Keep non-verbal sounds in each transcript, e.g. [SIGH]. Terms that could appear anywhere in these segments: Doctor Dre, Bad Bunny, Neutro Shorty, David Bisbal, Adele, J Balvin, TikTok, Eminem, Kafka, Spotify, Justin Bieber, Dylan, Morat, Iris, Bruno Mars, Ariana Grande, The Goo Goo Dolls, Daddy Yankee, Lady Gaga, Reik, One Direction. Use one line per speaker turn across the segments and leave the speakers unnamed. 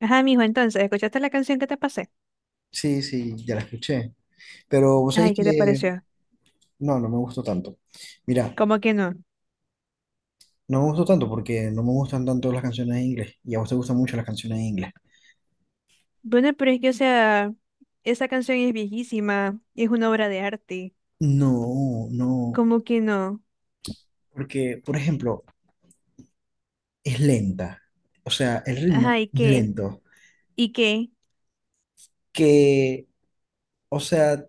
Ajá, mijo, entonces, ¿escuchaste la canción que te pasé?
Sí, sí, ya la escuché. Pero vos sabéis
Ay, ¿qué te
que
pareció?
no, no me gustó tanto. Mira,
¿Cómo que no?
no me gustó tanto porque no me gustan tanto las canciones en inglés. Y a vos te gustan mucho las canciones en inglés.
Bueno, pero es que, o sea, esa canción es viejísima, es una obra de arte.
No, no.
¿Cómo que no?
Porque, por ejemplo, es lenta. O sea, el ritmo
Ajá, ¿y
es
qué?
lento.
¿Y qué?
Que, o sea,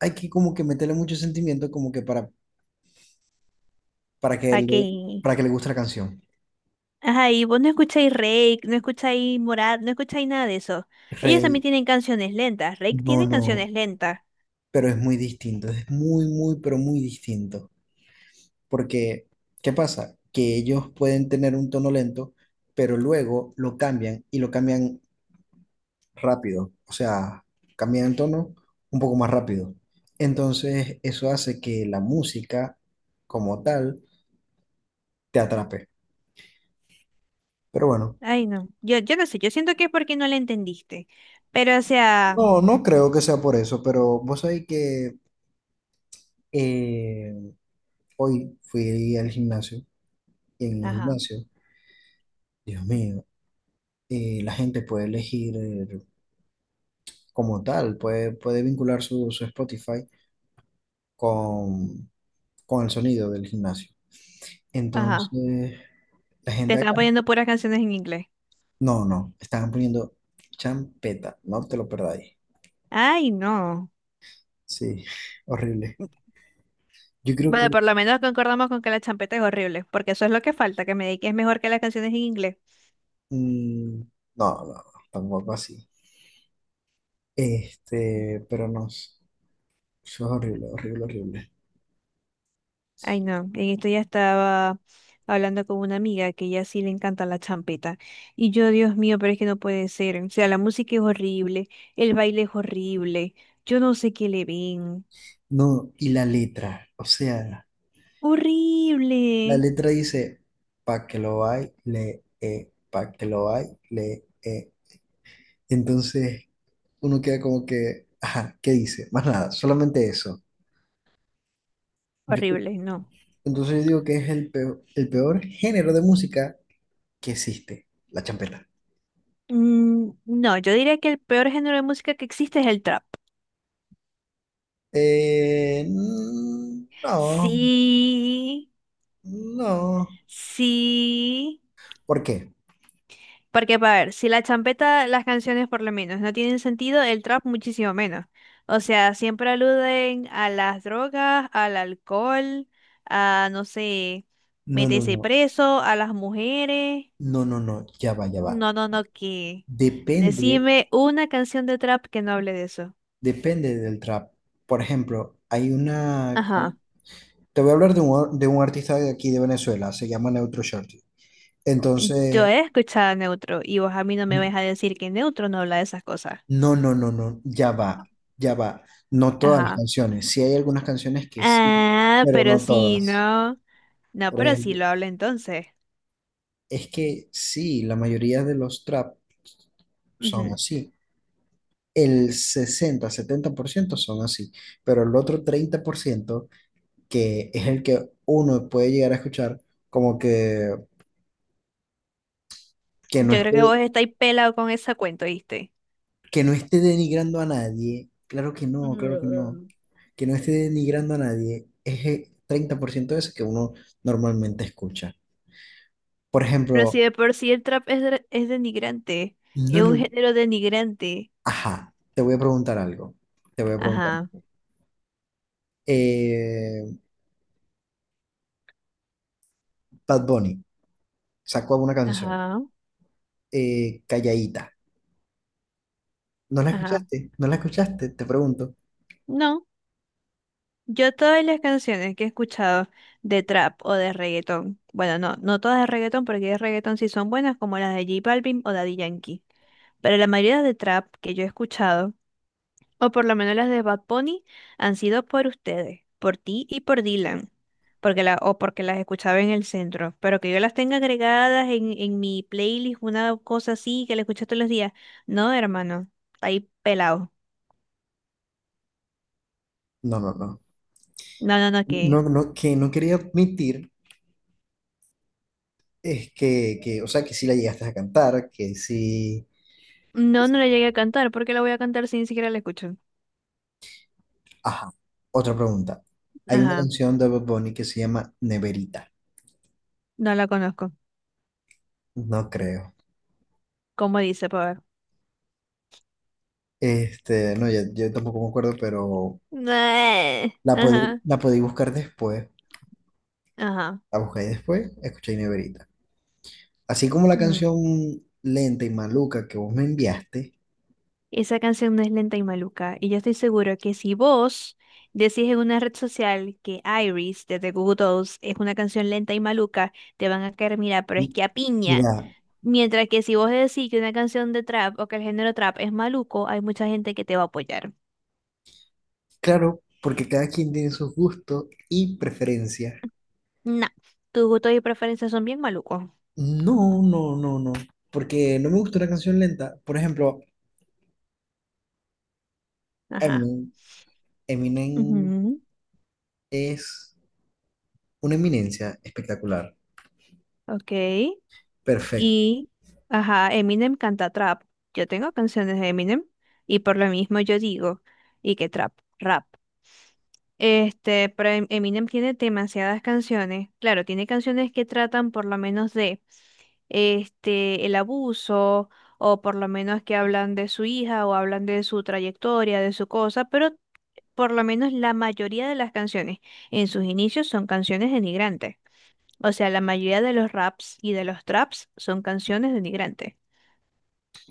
hay que como que meterle mucho sentimiento como que para que
¿Pa
le,
qué?
para que le guste la canción.
Ajá, y vos no escucháis Reik, no escucháis Morat, no escucháis nada de eso. Ellos también
Rey,
tienen canciones lentas, Reik
no,
tiene
no.
canciones lentas.
Pero es muy distinto. Es muy, muy, pero muy distinto. Porque, ¿qué pasa? Que ellos pueden tener un tono lento, pero luego lo cambian y lo cambian rápido. O sea, cambian el tono un poco más rápido. Entonces, eso hace que la música como tal te atrape. Pero bueno,
Ay, no, yo no sé, yo siento que es porque no la entendiste. Pero, o sea,
no, no creo que sea por eso, pero vos sabés que eh, hoy fui al gimnasio y en el
ajá,
gimnasio, Dios mío, la gente puede elegir como tal, puede vincular su Spotify con, con el sonido del gimnasio.
ajá,
Entonces, la
te
gente
están
acá,
poniendo puras canciones en inglés.
no, no, estaban poniendo champeta, no te lo perdáis.
Ay, no.
Sí, [LAUGHS] horrible. Yo creo que,
Bueno, por lo menos concordamos con que la champeta es horrible, porque eso es lo que falta, que me diga que es mejor que las canciones en inglés.
mm, no, no, tampoco así. Este, pero no, eso es horrible, horrible, horrible.
Ay, no, en esto ya estaba hablando con una amiga que ella sí le encanta la champeta. Y yo, Dios mío, pero es que no puede ser. O sea, la música es horrible, el baile es horrible, yo no sé qué le ven.
No, y la letra, o sea, la
Horrible,
letra dice, "pa' que lo hay, le, pa' que lo hay, le, eh". Entonces uno queda como que, ajá, ¿qué dice? Más nada, solamente eso. Yo creo-
horrible, no.
entonces yo digo que es el peor género de música que existe, la champeta.
Mm, no, yo diría que el peor género de música que existe es el trap.
Mm, no,
Sí,
no.
sí.
¿Por qué?
Porque, para ver, si la champeta, las canciones por lo menos no tienen sentido, el trap muchísimo menos. O sea, siempre aluden a las drogas, al alcohol, a, no sé,
No, no,
meterse
no,
preso, a las mujeres.
no, no, no, ya va, ya va.
No, no, no, que...
Depende,
Decime una canción de trap que no hable de eso.
depende del trap. Por ejemplo, hay una.
Ajá.
Te voy a hablar de un artista de aquí de Venezuela, se llama Neutro Shorty.
Yo
Entonces,
he escuchado a Neutro y vos a mí no me vais a decir que Neutro no habla de esas cosas.
no, no, no, no, ya va, ya va. No todas las
Ajá.
canciones. Sí hay algunas canciones que sí,
Ah,
pero
pero
no
sí,
todas.
no. No,
Por
pero sí
ejemplo,
lo habla entonces.
es que sí, la mayoría de los trap son
Ujú.
así. El 60, 70% son así, pero el otro 30% que es el que uno puede llegar a escuchar, como que no
Yo creo
esté,
que vos estáis pelado con esa cuenta, ¿viste?
que no esté denigrando a nadie. Claro que no, claro que no.
Mm,
Que no esté denigrando a nadie, es el 30% de eso que uno normalmente escucha. Por
pero
ejemplo,
si de por sí el trap es, es denigrante,
no,
es un
no,
género denigrante.
ajá, te voy a preguntar algo, te voy a preguntar.
Ajá,
Eh, Bad Bunny sacó una canción,
ajá,
Calladita. ¿No la
ajá.
escuchaste? ¿No la escuchaste? Te pregunto.
No, yo todas las canciones que he escuchado de trap o de reggaetón, bueno, no, no todas de reggaetón, porque de reggaetón sí son buenas, como las de J Balvin o Daddy Yankee. Pero la mayoría de trap que yo he escuchado o por lo menos las de Bad Bunny, han sido por ustedes, por ti y por Dylan, porque la, o porque las escuchaba en el centro, pero que yo las tenga agregadas en mi playlist, una cosa así, que la escucho todos los días. No, hermano, ahí pelado.
No, no, no.
No, no, no,
No,
que...
no, que no quería admitir es que, o sea, que sí la llegaste a cantar, que sí.
No, no la llegué a cantar, porque la voy a cantar si ni siquiera la escucho.
Ajá. Otra pregunta. Hay una
Ajá,
canción de Bad Bunny que se llama Neverita.
no la conozco.
No creo.
¿Cómo dice, para
Este, no, ya- yo tampoco me acuerdo, pero
ver?
la
[LAUGHS]
podí,
Ajá,
la podí buscar después.
ajá.
La busqué después, escuché Neverita. Así como la canción lenta y maluca que vos me enviaste.
Esa canción no es lenta y maluca, y yo estoy seguro que si vos decís en una red social que Iris de The Goo Goo Dolls es una canción lenta y maluca, te van a caer, mira, pero es
y-
que a piña.
mira,
Mientras que si vos decís que una canción de trap o que el género trap es maluco, hay mucha gente que te va a apoyar.
claro, porque cada quien tiene sus gustos y preferencias.
No, tus gustos y preferencias son bien malucos.
No, no, no, no. Porque no me gusta una canción lenta. Por ejemplo,
Ajá.
Eminem, Eminem
Ujú,
es una eminencia espectacular.
ok.
Perfecto.
Y, ajá, Eminem canta trap. Yo tengo canciones de Eminem y por lo mismo yo digo, ¿y qué trap? Rap. Este, pero Eminem tiene demasiadas canciones. Claro, tiene canciones que tratan por lo menos de este el abuso o por lo menos que hablan de su hija o hablan de su trayectoria, de su cosa, pero por lo menos la mayoría de las canciones en sus inicios son canciones denigrantes. O sea, la mayoría de los raps y de los traps son canciones denigrantes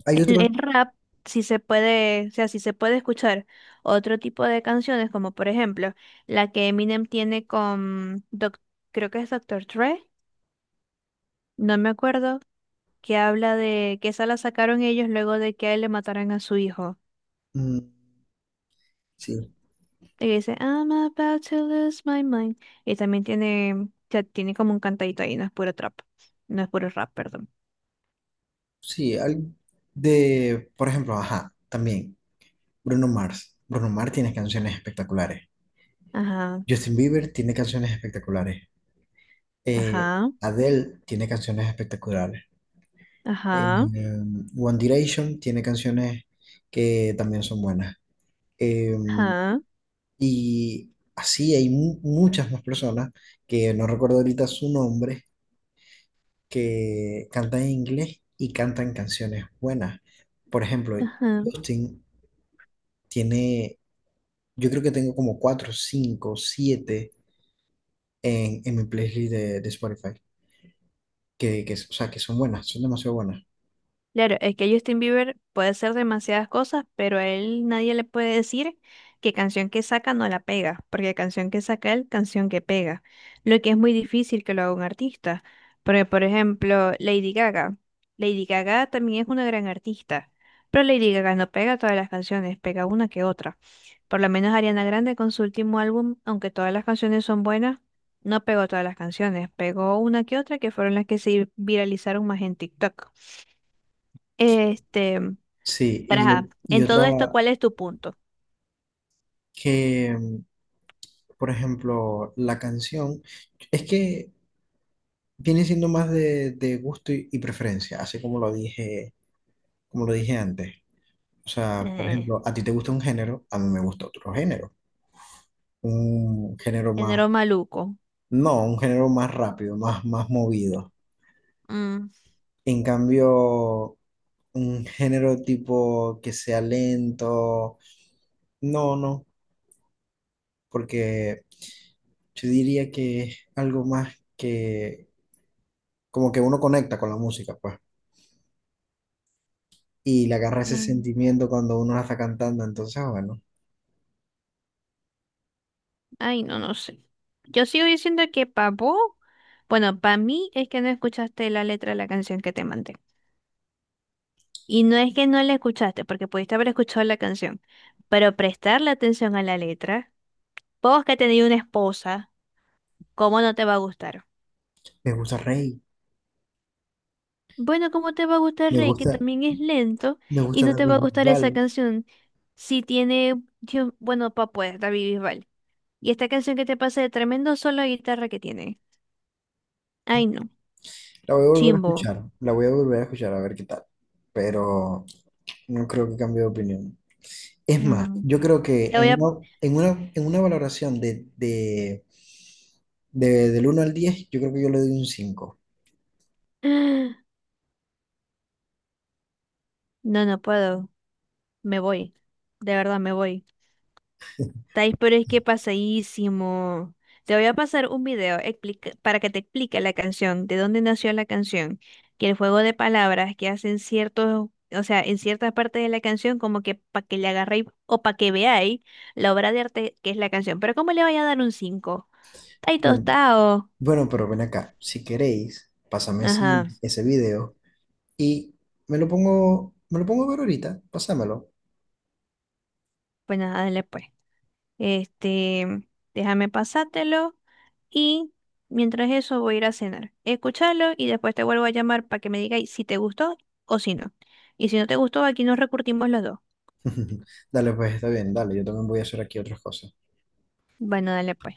Hay
el
otro.
el rap sí se puede, o sea, sí se puede escuchar otro tipo de canciones, como por ejemplo la que Eminem tiene con, creo que es doctor Dre, no me acuerdo, que habla de que esa la sacaron ellos luego de que a él le mataran a su hijo.
Mm, sí.
Y dice, I'm about to lose my mind. Y también tiene, o sea, tiene como un cantadito ahí, no es puro trap, no es puro rap, perdón.
Sí, por ejemplo, ajá, también Bruno Mars. Bruno Mars tiene canciones espectaculares.
Ajá,
Justin Bieber tiene canciones espectaculares. Eh,
ajá,
Adele tiene canciones espectaculares. Eh,
ajá,
One Direction tiene canciones que también son buenas. Eh,
ajá,
y así hay muchas más personas que no recuerdo ahorita su nombre, que cantan en inglés y cantan canciones buenas. Por ejemplo,
ajá.
Justin tiene yo creo que tengo como cuatro, cinco, siete en mi playlist de Spotify, o sea, que son buenas, son demasiado buenas.
Claro, es que Justin Bieber puede hacer demasiadas cosas, pero a él nadie le puede decir que canción que saca no la pega, porque canción que saca él, canción que pega, lo que es muy difícil que lo haga un artista. Porque, por ejemplo, Lady Gaga. Lady Gaga también es una gran artista, pero Lady Gaga no pega todas las canciones, pega una que otra. Por lo menos Ariana Grande con su último álbum, aunque todas las canciones son buenas, no pegó todas las canciones, pegó una que otra que fueron las que se viralizaron más en TikTok. Este,
Sí,
pero ajá,
y
en todo
otra
esto, ¿cuál es tu punto?
que, por ejemplo, la canción, es que viene siendo más de gusto y preferencia, así como lo dije antes. O sea, por
Eh,
ejemplo, a ti te gusta un género, a mí me gusta otro género, un género más,
género maluco.
no, un género más rápido, más, más movido.
Mm,
En cambio, un género tipo que sea lento. No, no, porque yo diría que es algo más que como que uno conecta con la música, pues, y le agarra ese
mm,
sentimiento cuando uno la está cantando. Entonces, ah, bueno,
ay, no, no sé. Yo sigo diciendo que para vos, bueno, para mí es que no escuchaste la letra de la canción que te mandé. Y no es que no la escuchaste, porque pudiste haber escuchado la canción, pero prestarle atención a la letra, vos que tenéis una esposa, ¿cómo no te va a gustar?
me gusta Rey,
Bueno, ¿cómo te va a gustar
me
Rey, que
gusta,
también es lento,
me
y
gusta
no te va a
David
gustar esa
Bisbal.
canción si tiene, bueno, Papo es David Bisbal. Y esta canción que te pasa de tremendo solo de guitarra que tiene. Ay, no,
La voy a volver a
chimbo.
escuchar, la voy a volver a escuchar a ver qué tal, pero no creo que cambie de opinión. Es más,
Mm.
yo creo
Le
que
voy
en
a...
una, en una, en una valoración del 1 al 10 yo creo que yo le doy un cinco.
[GASPS] No, no puedo. Me voy. De verdad, me voy. Tais, pero es que pasadísimo. Te voy a pasar un video para que te explique la canción, de dónde nació la canción, que el juego de palabras que hacen ciertos, o sea, en ciertas partes de la canción, como que para que le agarréis o para que veáis la obra de arte que es la canción. Pero ¿cómo le vaya a dar un 5 Tai
Bueno,
tostado.
bueno, pero ven acá, si queréis, pásame ese,
Ajá,
ese video y me lo pongo a ver ahorita, pásamelo.
pues nada, dale pues. Este, déjame pasártelo. Y mientras eso voy a ir a cenar. Escúchalo y después te vuelvo a llamar para que me digáis si te gustó o si no. Y si no te gustó, aquí nos recurtimos los dos.
[LAUGHS] Dale, pues está bien, dale, yo también voy a hacer aquí otras cosas.
Bueno, dale pues.